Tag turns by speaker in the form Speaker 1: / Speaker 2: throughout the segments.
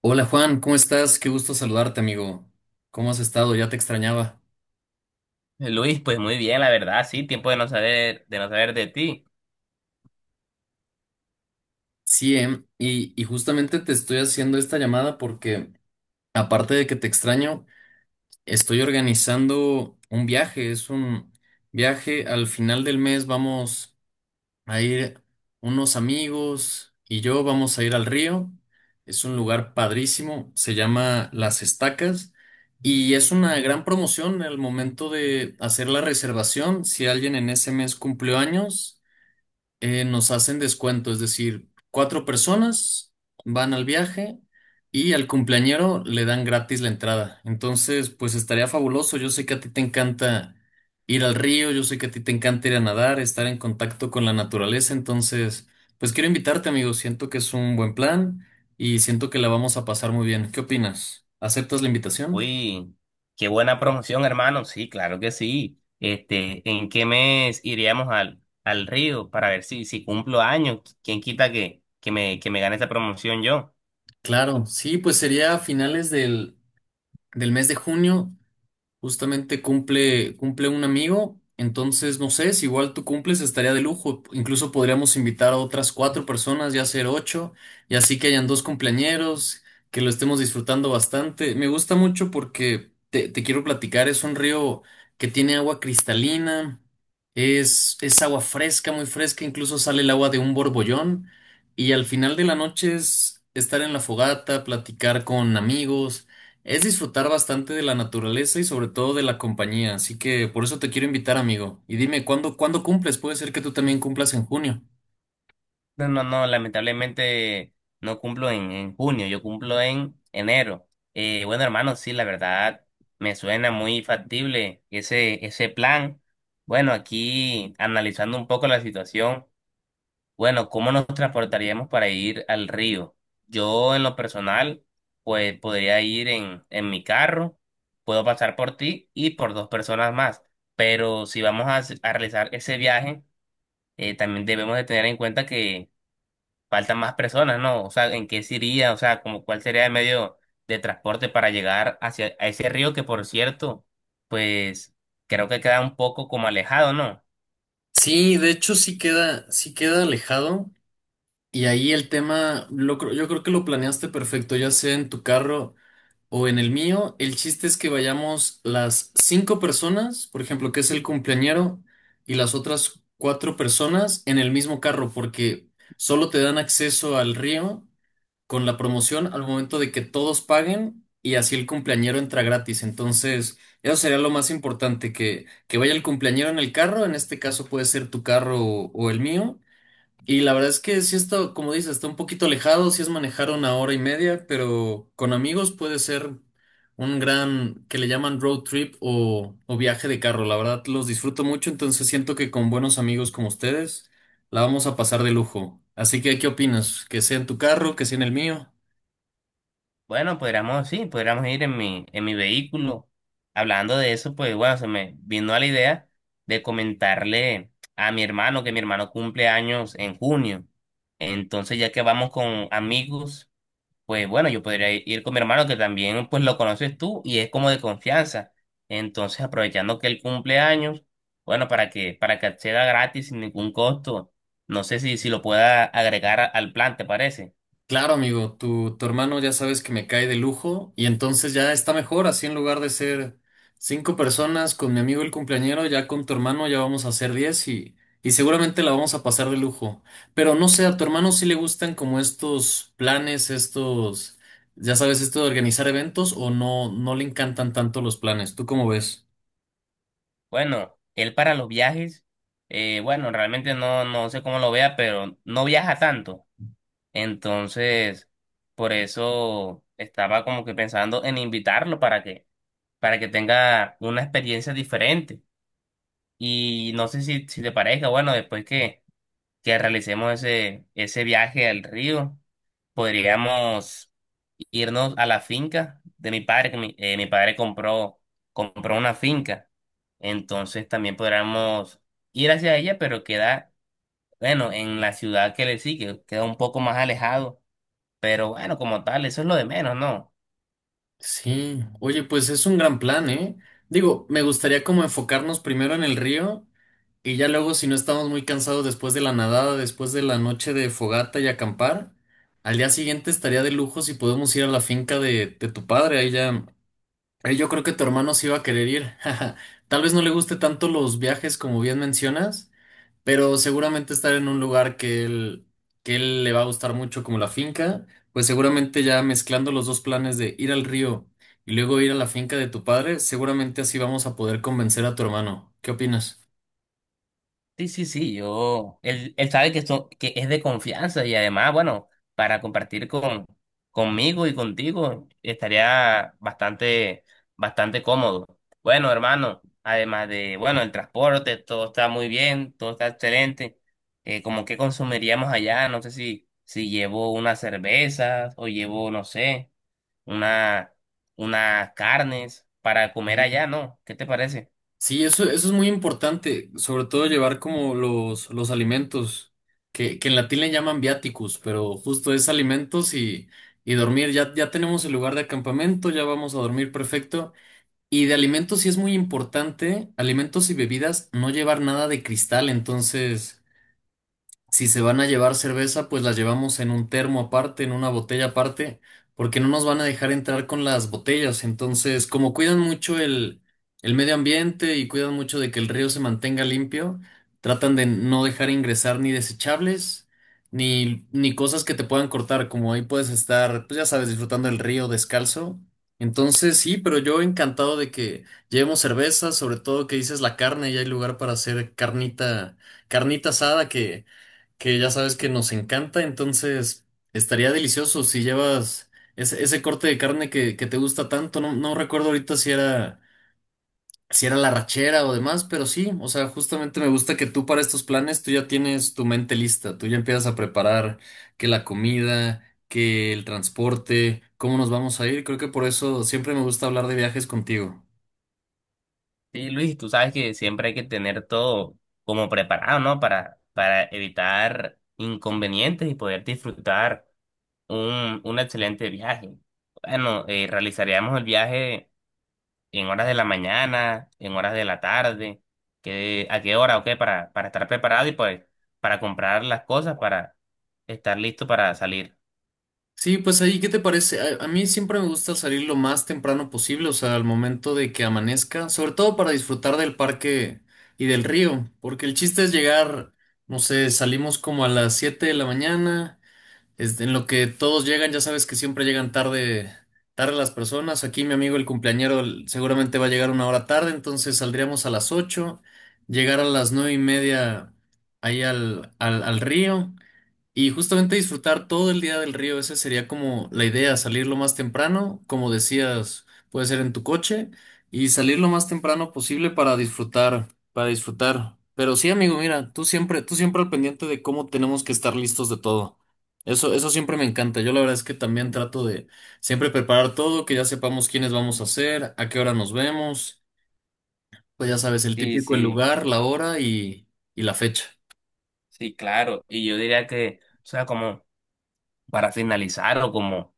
Speaker 1: Hola Juan, ¿cómo estás? Qué gusto saludarte, amigo. ¿Cómo has estado? Ya te extrañaba.
Speaker 2: Luis, pues muy bien, la verdad, sí, tiempo de no saber, de no saber de ti.
Speaker 1: Sí, y justamente te estoy haciendo esta llamada porque, aparte de que te extraño, estoy organizando un viaje. Es un viaje al final del mes. Vamos. A ir Unos amigos y yo vamos a ir al río. Es un lugar padrísimo, se llama Las Estacas y es una gran promoción al momento de hacer la reservación. Si alguien en ese mes cumplió años, nos hacen descuento, es decir, cuatro personas van al viaje y al cumpleañero le dan gratis la entrada. Entonces, pues estaría fabuloso. Yo sé que a ti te encanta ir al río, yo sé que a ti te encanta ir a nadar, estar en contacto con la naturaleza. Entonces, pues quiero invitarte, amigo. Siento que es un buen plan y siento que la vamos a pasar muy bien. ¿Qué opinas? ¿Aceptas la invitación?
Speaker 2: Uy, qué buena promoción, hermano. Sí, claro que sí. Este, ¿en qué mes iríamos al Río para ver si cumplo años? ¿Quién quita que me gane esa promoción yo?
Speaker 1: Claro, sí, pues sería a finales del mes de junio. Justamente cumple un amigo, entonces no sé, si igual tú cumples estaría de lujo. Incluso podríamos invitar a otras cuatro personas, ya ser ocho, y así que hayan dos cumpleañeros, que lo estemos disfrutando bastante. Me gusta mucho porque te quiero platicar, es un río que tiene agua cristalina, es agua fresca, muy fresca, incluso sale el agua de un borbollón, y al final de la noche es estar en la fogata, platicar con amigos. Es disfrutar bastante de la naturaleza y sobre todo de la compañía, así que por eso te quiero invitar, amigo. Y dime, ¿cuándo cumples? Puede ser que tú también cumplas en junio.
Speaker 2: No, no, no, lamentablemente no cumplo en junio, yo cumplo en enero. Bueno, hermano, sí, la verdad, me suena muy factible ese plan. Bueno, aquí analizando un poco la situación. Bueno, ¿cómo nos transportaríamos para ir al río? Yo en lo personal, pues podría ir en mi carro, puedo pasar por ti y por dos personas más, pero si vamos a, a realizar ese viaje, también debemos de tener en cuenta que faltan más personas, ¿no? O sea, ¿en qué se iría? O sea, como cuál sería el medio de transporte para llegar hacia a ese río que, por cierto, pues creo que queda un poco como alejado, ¿no?
Speaker 1: Sí, de hecho sí queda alejado y ahí el tema, yo creo que lo planeaste perfecto, ya sea en tu carro o en el mío. El chiste es que vayamos las cinco personas, por ejemplo, que es el cumpleañero, y las otras cuatro personas en el mismo carro, porque solo te dan acceso al río con la promoción al momento de que todos paguen y así el cumpleañero entra gratis. Entonces, eso sería lo más importante, que vaya el cumpleañero en el carro, en este caso puede ser tu carro o el mío. Y la verdad es que si esto, como dices, está un poquito alejado, si es manejar una hora y media, pero con amigos puede ser un gran, que le llaman road trip o viaje de carro. La verdad los disfruto mucho, entonces siento que con buenos amigos como ustedes la vamos a pasar de lujo. Así que, ¿qué opinas? ¿Que sea en tu carro, que sea en el mío?
Speaker 2: Bueno, podríamos, sí, podríamos ir en mi vehículo. Hablando de eso, pues bueno, se me vino a la idea de comentarle a mi hermano que mi hermano cumple años en junio. Entonces, ya que vamos con amigos, pues bueno, yo podría ir con mi hermano que también pues lo conoces tú y es como de confianza. Entonces, aprovechando que él cumple años, bueno, para que acceda gratis sin ningún costo. No sé si, si lo pueda agregar al plan, ¿te parece?
Speaker 1: Claro, amigo, tu hermano ya sabes que me cae de lujo y entonces ya está mejor, así en lugar de ser cinco personas con mi amigo el cumpleañero, ya con tu hermano ya vamos a ser diez y seguramente la vamos a pasar de lujo. Pero no sé, a tu hermano sí le gustan como estos planes, estos, ya sabes, esto de organizar eventos o no, no le encantan tanto los planes, ¿tú cómo ves?
Speaker 2: Bueno, él para los viajes, bueno, realmente no, no sé cómo lo vea, pero no viaja tanto. Entonces, por eso estaba como que pensando en invitarlo para que tenga una experiencia diferente. Y no sé si, si te parezca, bueno, después que realicemos ese viaje al río, podríamos irnos a la finca de mi padre, que mi, mi padre compró, compró una finca. Entonces también podríamos ir hacia ella, pero queda, bueno, en la ciudad que le sigue, queda un poco más alejado. Pero bueno, como tal, eso es lo de menos, ¿no?
Speaker 1: Sí, oye, pues es un gran plan, ¿eh? Digo, me gustaría como enfocarnos primero en el río. Y ya luego, si no estamos muy cansados después de la nadada, después de la noche de fogata y acampar, al día siguiente estaría de lujo si podemos ir a la finca de tu padre. Ahí ya, ahí yo creo que tu hermano sí va a querer ir. Tal vez no le guste tanto los viajes como bien mencionas, pero seguramente estar en un lugar que él le va a gustar mucho como la finca, pues seguramente ya mezclando los dos planes de ir al río y luego ir a la finca de tu padre, seguramente así vamos a poder convencer a tu hermano. ¿Qué opinas?
Speaker 2: Sí, sí, sí, yo, él sabe que, que es de confianza y además, bueno, para compartir con, conmigo y contigo estaría bastante, bastante cómodo. Bueno, hermano, además de, bueno, el transporte, todo está muy bien, todo está excelente. ¿Cómo qué consumiríamos allá? No sé si, si llevo unas cervezas o llevo, no sé, una, unas carnes para comer allá, ¿no? ¿Qué te parece?
Speaker 1: Sí, eso es muy importante, sobre todo llevar como los alimentos, que en latín le llaman viaticus, pero justo es alimentos y dormir. Ya tenemos el lugar de acampamento, ya vamos a dormir perfecto. Y de alimentos sí es muy importante, alimentos y bebidas, no llevar nada de cristal. Si se van a llevar cerveza, pues la llevamos en un termo aparte, en una botella aparte, porque no nos van a dejar entrar con las botellas. Entonces, como cuidan mucho el medio ambiente y cuidan mucho de que el río se mantenga limpio, tratan de no dejar ingresar ni desechables, ni cosas que te puedan cortar, como ahí puedes estar, pues ya sabes, disfrutando del río descalzo. Entonces, sí, pero yo encantado de que llevemos cerveza, sobre todo que dices la carne y hay lugar para hacer carnita asada que ya sabes que nos encanta, entonces estaría delicioso si llevas ese corte de carne que te gusta tanto. No, no recuerdo ahorita si era, la rachera o demás, pero sí, o sea, justamente me gusta que tú para estos planes tú ya tienes tu mente lista, tú ya empiezas a preparar que la comida, que el transporte, cómo nos vamos a ir. Creo que por eso siempre me gusta hablar de viajes contigo.
Speaker 2: Sí, Luis, tú sabes que siempre hay que tener todo como preparado, ¿no? Para evitar inconvenientes y poder disfrutar un excelente viaje. Bueno, realizaríamos el viaje en horas de la mañana, en horas de la tarde, que, a qué hora, o qué, para estar preparado y pues para comprar las cosas, para estar listo para salir.
Speaker 1: Sí, pues ahí, ¿qué te parece? A mí siempre me gusta salir lo más temprano posible, o sea, al momento de que amanezca, sobre todo para disfrutar del parque y del río, porque el chiste es llegar, no sé, salimos como a las 7 de la mañana, en lo que todos llegan, ya sabes que siempre llegan tarde, tarde las personas, aquí mi amigo el cumpleañero seguramente va a llegar una hora tarde, entonces saldríamos a las 8, llegar a las 9:30 ahí al río. Y justamente disfrutar todo el día del río, esa sería como la idea, salir lo más temprano, como decías, puede ser en tu coche, y salir lo más temprano posible para disfrutar, para disfrutar. Pero sí, amigo, mira, tú siempre al pendiente de cómo tenemos que estar listos de todo. Eso siempre me encanta. Yo la verdad es que también trato de siempre preparar todo, que ya sepamos quiénes vamos a ser, a qué hora nos vemos, pues ya sabes, el
Speaker 2: Sí,
Speaker 1: típico, el
Speaker 2: sí,
Speaker 1: lugar, la hora y la fecha.
Speaker 2: sí, claro. Y yo diría que, o sea, como para finalizar o como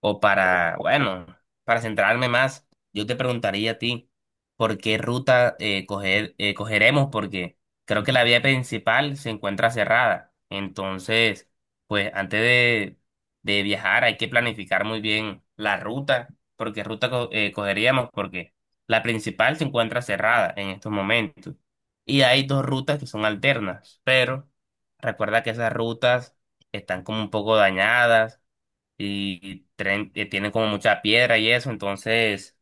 Speaker 2: o para, bueno, para centrarme más, yo te preguntaría a ti por qué ruta cogeremos, porque creo que la vía principal se encuentra cerrada. Entonces, pues antes de viajar hay que planificar muy bien la ruta, porque ruta cogeríamos, porque la principal se encuentra cerrada en estos momentos. Y hay dos rutas que son alternas, pero recuerda que esas rutas están como un poco dañadas y tienen como mucha piedra y eso, entonces,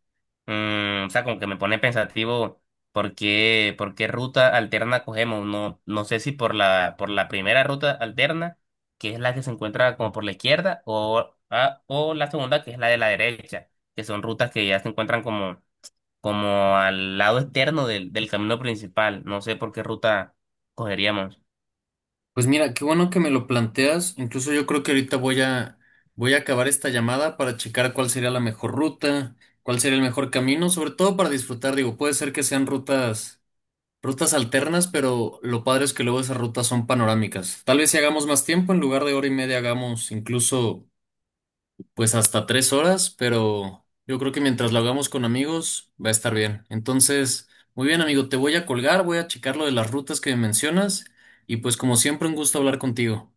Speaker 2: o sea, como que me pone pensativo por qué ruta alterna cogemos, no, no sé si por la, por la primera ruta alterna, que es la que se encuentra como por la izquierda, o o la segunda, que es la de la derecha, que son rutas que ya se encuentran como, como al lado externo del, del camino principal, no sé por qué ruta cogeríamos.
Speaker 1: Pues mira, qué bueno que me lo planteas. Incluso yo creo que ahorita voy a acabar esta llamada para checar cuál sería la mejor ruta, cuál sería el mejor camino, sobre todo para disfrutar. Digo, puede ser que sean rutas alternas, pero lo padre es que luego esas rutas son panorámicas. Tal vez si hagamos más tiempo, en lugar de hora y media hagamos incluso pues hasta 3 horas, pero yo creo que mientras lo hagamos con amigos va a estar bien. Entonces, muy bien, amigo, te voy a colgar, voy a checar lo de las rutas que me mencionas y pues como siempre un gusto hablar contigo.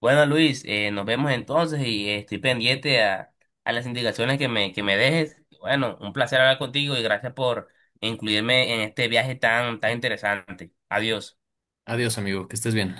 Speaker 2: Bueno, Luis, nos vemos entonces y estoy pendiente a las indicaciones que me dejes. Bueno, un placer hablar contigo y gracias por incluirme en este viaje tan, tan interesante. Adiós.
Speaker 1: Adiós, amigo, que estés bien.